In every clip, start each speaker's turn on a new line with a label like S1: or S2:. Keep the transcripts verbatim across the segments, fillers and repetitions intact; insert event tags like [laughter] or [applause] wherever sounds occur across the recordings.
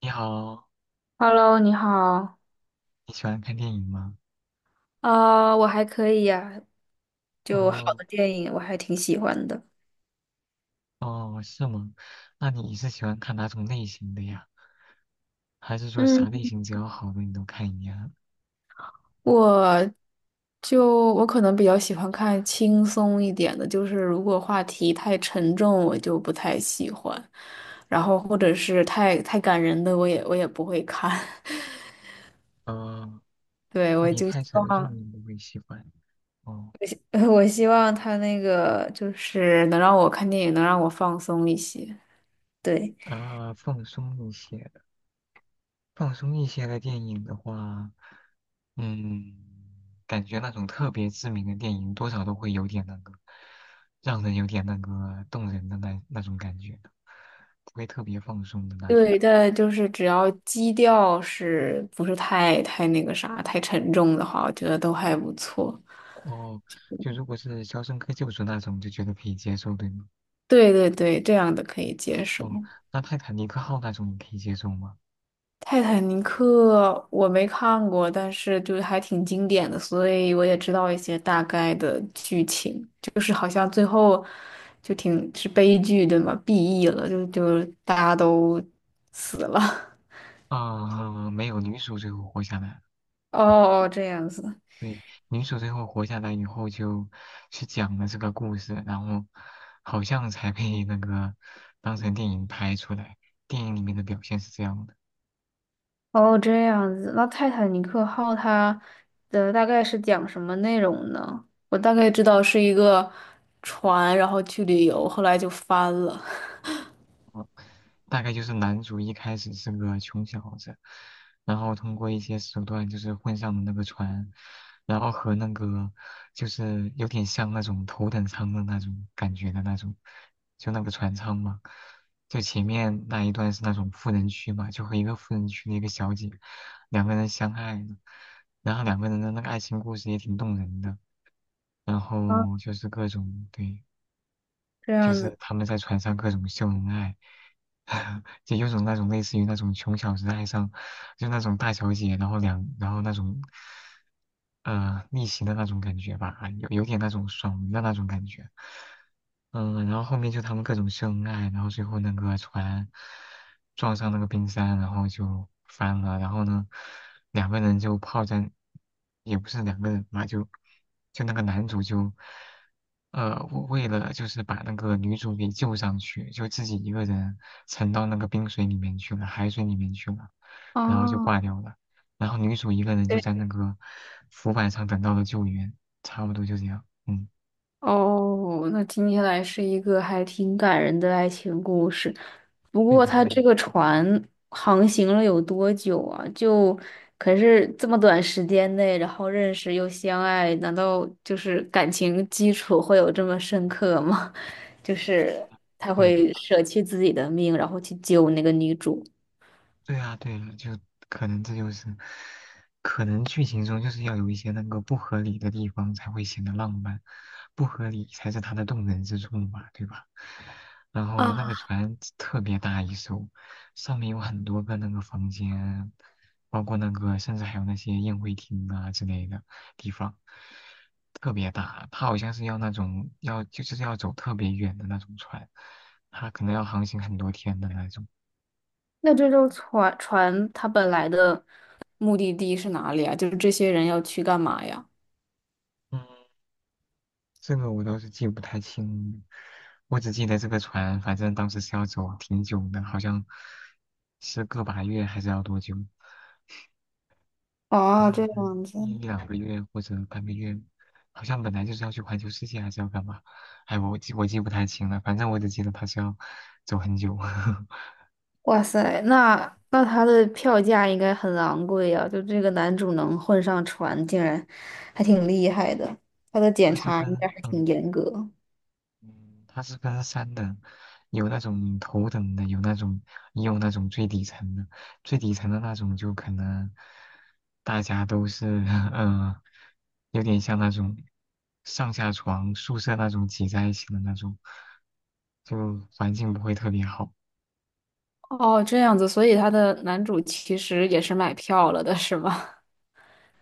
S1: 你好，
S2: Hello，你好。
S1: 你喜欢看电影吗？
S2: 啊，我还可以呀，就好
S1: 哦
S2: 的电影我还挺喜欢的。
S1: 哦，是吗？那你是喜欢看哪种类型的呀？还是说啥类
S2: 嗯，
S1: 型只要好的你都看一样？
S2: 我就我可能比较喜欢看轻松一点的，就是如果话题太沉重，我就不太喜欢。然后或者是太太感人的，我也我也不会看。[laughs]
S1: 哦，
S2: 对，
S1: 话
S2: 我
S1: 题
S2: 就希
S1: 太沉重
S2: 望，
S1: 你不会喜欢。哦
S2: [laughs] 我希望他那个就是能让我看电影，能让我放松一些。对，
S1: 啊，放松一些的，放松一些的电影的话，嗯，感觉那种特别知名的电影多少都会有点那个，让人有点那个动人的那那种感觉的不会特别放松的那种。
S2: 对，但就是只要基调是不是太太那个啥，太沉重的话，我觉得都还不错。
S1: 哦，就如果是《肖申克救赎》那种，就觉得可以接受，对吗？
S2: 对对对，这样的可以接受。
S1: 哦，那《泰坦尼克号》那种你可以接受吗？
S2: 《泰坦尼克》我没看过，但是就是还挺经典的，所以我也知道一些大概的剧情。就是好像最后就挺是悲剧，对吗？B E 了，就就大家都死了。
S1: 啊、没有，女主最后活下来了。
S2: [laughs] 哦哦，这样子。
S1: 对，女主最后活下来以后，就去讲了这个故事，然后好像才被那个当成电影拍出来。电影里面的表现是这样的。
S2: 哦，这样子，那《泰坦尼克号》它的大概是讲什么内容呢？我大概知道是一个船，然后去旅游，后来就翻了。
S1: 大概就是男主一开始是个穷小子，然后通过一些手段就是混上了那个船，然后和那个就是有点像那种头等舱的那种感觉的那种，就那个船舱嘛。就前面那一段是那种富人区嘛，就和一个富人区的一个小姐，两个人相爱了，然后两个人的那个爱情故事也挺动人的，然
S2: 啊，
S1: 后就是各种对。
S2: 这
S1: 就
S2: 样
S1: 是
S2: 子，
S1: 他们在船上各种秀恩爱，[laughs] 就有种那种类似于那种穷小子爱上，就那种大小姐，然后两，然后那种，呃，逆袭的那种感觉吧，有有点那种爽文的那种感觉。嗯，然后后面就他们各种秀恩爱，然后最后那个船撞上那个冰山，然后就翻了，然后呢，两个人就泡在，也不是两个人吧，就就那个男主就，呃，为为了就是把那个女主给救上去，就自己一个人沉到那个冰水里面去了，海水里面去了，然后就
S2: 哦，
S1: 挂掉了，然后女主一个人就
S2: 这
S1: 在那个浮板上等到了救援，差不多就这样，嗯，
S2: 哦，那听起来是一个还挺感人的爱情故事。不
S1: 对
S2: 过，
S1: 的，
S2: 它
S1: 对的。
S2: 这个船航行了有多久啊？就可是这么短时间内，然后认识又相爱，难道就是感情基础会有这么深刻吗？[laughs] 就是他
S1: 对。的。
S2: 会舍弃自己的命，然后去救那个女主
S1: 对啊，对啊，就可能这就是，可能剧情中就是要有一些那个不合理的地方才会显得浪漫，不合理才是它的动人之处嘛，对吧？然后那个
S2: 啊。
S1: 船特别大一艘，上面有很多个那个房间，包括那个甚至还有那些宴会厅啊之类的地方，特别大。它好像是要那种要就是要走特别远的那种船，它可能要航行很多天的那种。
S2: 那这艘船船它本来的目的地是哪里啊？就是这些人要去干嘛呀？
S1: 嗯，这个我倒是记不太清，我只记得这个船，反正当时是要走挺久的，好像是个把月还是要多久？好
S2: 哦，
S1: 像
S2: 这样子。
S1: 一两个月或者半个月，好像本来就是要去环球世界还是要干嘛？哎，我记我记不太清了，反正我只记得他是要走很久。[laughs]
S2: 哇塞，那那他的票价应该很昂贵呀、就这个男主能混上船，竟然还挺厉害的。他的检
S1: 他是
S2: 查
S1: 跟
S2: 应该还
S1: 嗯
S2: 挺严格。
S1: 嗯，它是分三等，有那种头等的，有那种也有那种最底层的，最底层的那种就可能大家都是 [laughs] 呃，有点像那种上下床宿舍那种挤在一起的那种，就环境不会特别好。
S2: 哦，这样子，所以他的男主其实也是买票了的，是吗？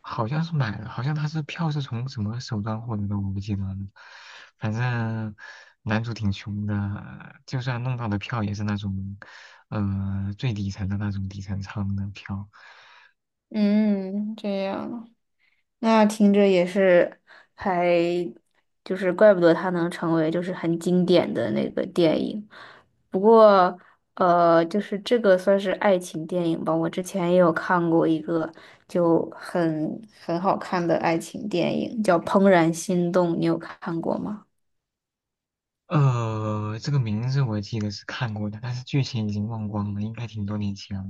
S1: 好像是买了，好像他是票是从什么手段获得的，我不记得了。反正男主挺穷的，就算弄到的票也是那种，呃，最底层的那种底层舱的票。
S2: [laughs] 嗯，这样。那听着也是还，就是怪不得它能成为就是很经典的那个电影。不过，呃，就是这个算是爱情电影吧。我之前也有看过一个就很很好看的爱情电影，叫《怦然心动》，你有看过吗？
S1: 呃，这个名字我记得是看过的，但是剧情已经忘光了，应该挺多年前了，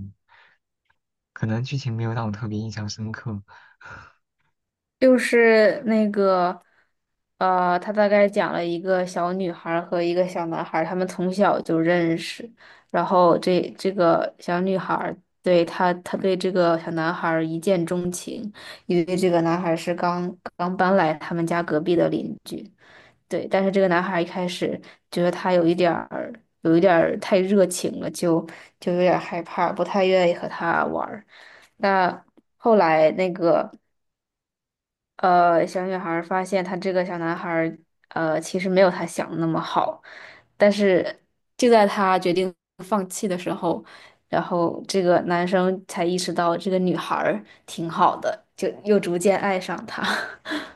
S1: 可能剧情没有让我特别印象深刻。
S2: 就是那个，呃，他大概讲了一个小女孩儿和一个小男孩儿，他们从小就认识，然后这这个小女孩儿对他，他对这个小男孩儿一见钟情，因为这个男孩儿是刚刚搬来他们家隔壁的邻居，对，但是这个男孩儿一开始觉得他有一点儿，有一点儿太热情了，就就有点儿害怕，不太愿意和他玩儿。那后来那个。呃，小女孩儿发现她这个小男孩儿，呃，其实没有她想的那么好，但是就在她决定放弃的时候，然后这个男生才意识到这个女孩儿挺好的，就又逐渐爱上她。[laughs]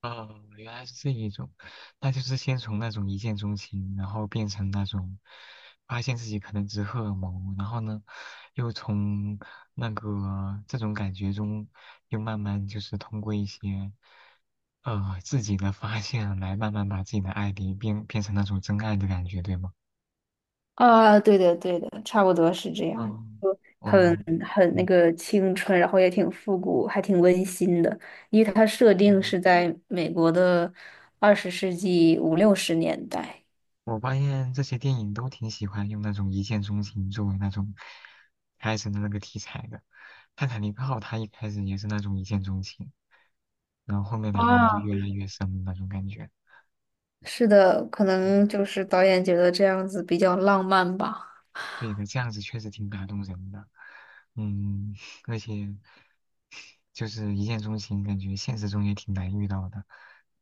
S1: 哦，原来是这一种，那就是先从那种一见钟情，然后变成那种发现自己可能只是荷尔蒙，然后呢，又从那个这种感觉中，又慢慢就是通过一些呃自己的发现来慢慢把自己的爱给变变成那种真爱的感觉，对吗？
S2: 啊，对的，对的，差不多是这样，
S1: 嗯，
S2: 很
S1: 哦，
S2: 很那
S1: 嗯
S2: 个青春，然后也挺复古，还挺温馨的，因为它设定是
S1: 嗯。
S2: 在美国的二十世纪五六十年代。
S1: 我发现这些电影都挺喜欢用那种一见钟情作为那种开始的那个题材的。《泰坦尼克号》它一开始也是那种一见钟情，然后后面两个人就越来越深的那种感觉。
S2: 是的，可能
S1: 嗯，
S2: 就是导演觉得这样子比较浪漫吧。
S1: 对的，这样子确实挺打动人的。嗯，[laughs] 而且就是一见钟情，感觉现实中也挺难遇到的，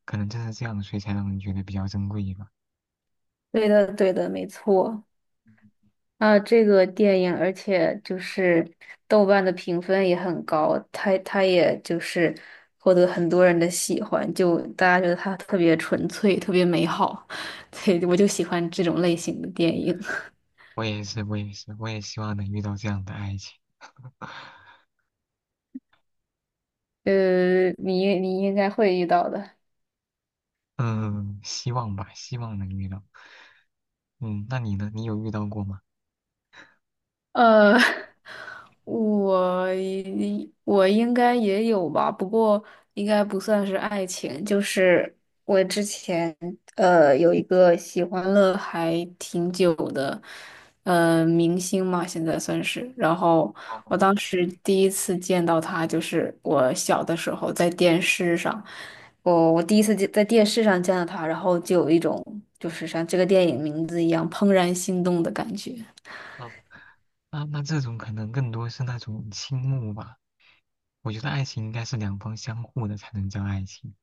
S1: 可能正是这样，所以才让人觉得比较珍贵吧。
S2: 对的，对的，没错。啊，这个电影，而且就是豆瓣的评分也很高，它它也就是获得很多人的喜欢，就大家觉得它特别纯粹，特别美好。[laughs] 对，我就喜欢这种类型的电影。
S1: 我也是，我也是，我也希望能遇到这样的爱情。
S2: [laughs] 呃，你你应该会遇到的。
S1: 嗯，希望吧，希望能遇到。嗯，那你呢？你有遇到过吗？
S2: 呃，[laughs] 我一我应该也有吧，不过应该不算是爱情，就是我之前呃有一个喜欢了还挺久的，呃明星嘛，现在算是。然后
S1: 哦，
S2: 我当时第一次见到他，就是我小的时候在电视上，我我第一次见在电视上见到他，然后就有一种就是像这个电影名字一样怦然心动的感觉。
S1: 哦，那那这种可能更多是那种倾慕吧。我觉得爱情应该是两方相互的才能叫爱情。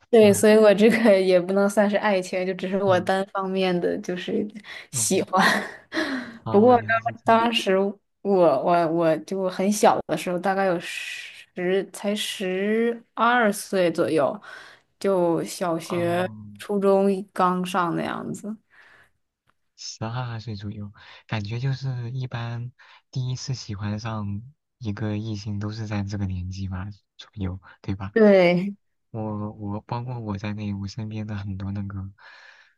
S1: [laughs]
S2: 对，
S1: 嗯
S2: 所以我这个也不能算是爱情，就只是我
S1: 嗯
S2: 单方面的就是喜
S1: 嗯，
S2: 欢。[laughs] 不
S1: 哦，
S2: 过
S1: 原来
S2: 当
S1: 是这样。
S2: 当时我我我就很小的时候，大概有十才十二岁左右，就小
S1: 哦，
S2: 学、初中刚上那样子。
S1: 十二岁左右，感觉就是一般第一次喜欢上一个异性都是在这个年纪吧左右，对吧？
S2: 对，
S1: 我我包括我在内，我身边的很多那个，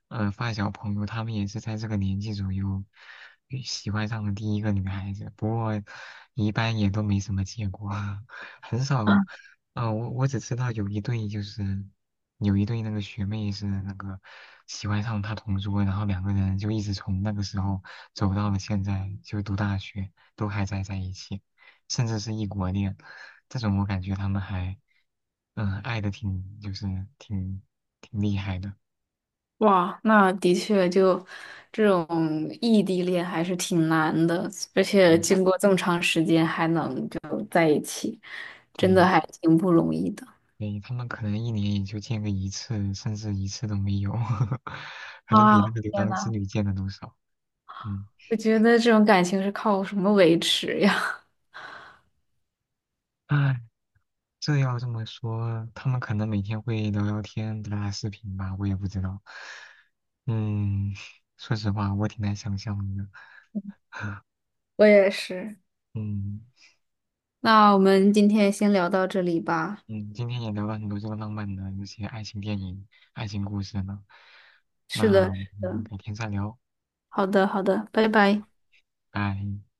S1: 呃，发小朋友，他们也是在这个年纪左右，呃喜欢上了第一个女孩子，不过一般也都没什么结果，[laughs] 很少。呃，我我只知道有一对就是有一对那个学妹是那个喜欢上他同桌，然后两个人就一直从那个时候走到了现在，就读大学都还在在一起，甚至是异国恋，这种我感觉他们还。嗯，爱的挺就是挺挺厉害的，
S2: 哇，那的确就这种异地恋还是挺难的，而且
S1: 对
S2: 经过这么长时间还能，真的
S1: 对
S2: 还挺不容易的。
S1: 对，他们可能一年也就见个一次，甚至一次都没有，[laughs] 可能比
S2: 啊，
S1: 那个牛
S2: 天
S1: 郎织
S2: 呐！
S1: 女见的都少。嗯，
S2: 我觉得这种感情是靠什么维持呀？
S1: 哎，这要这么说，他们可能每天会聊聊天、打打视频吧，我也不知道。嗯，[laughs] 说实话，我挺难想象的。[laughs]
S2: [laughs] 我也是。
S1: 嗯
S2: 那我们今天先聊到这里吧。
S1: 嗯，今天也聊了很多这个浪漫的那些爱情电影、爱情故事呢，
S2: 是
S1: 那
S2: 的，
S1: 我
S2: 是
S1: 们
S2: 的。
S1: 改天再聊，
S2: 好的，好的，拜拜。
S1: 拜。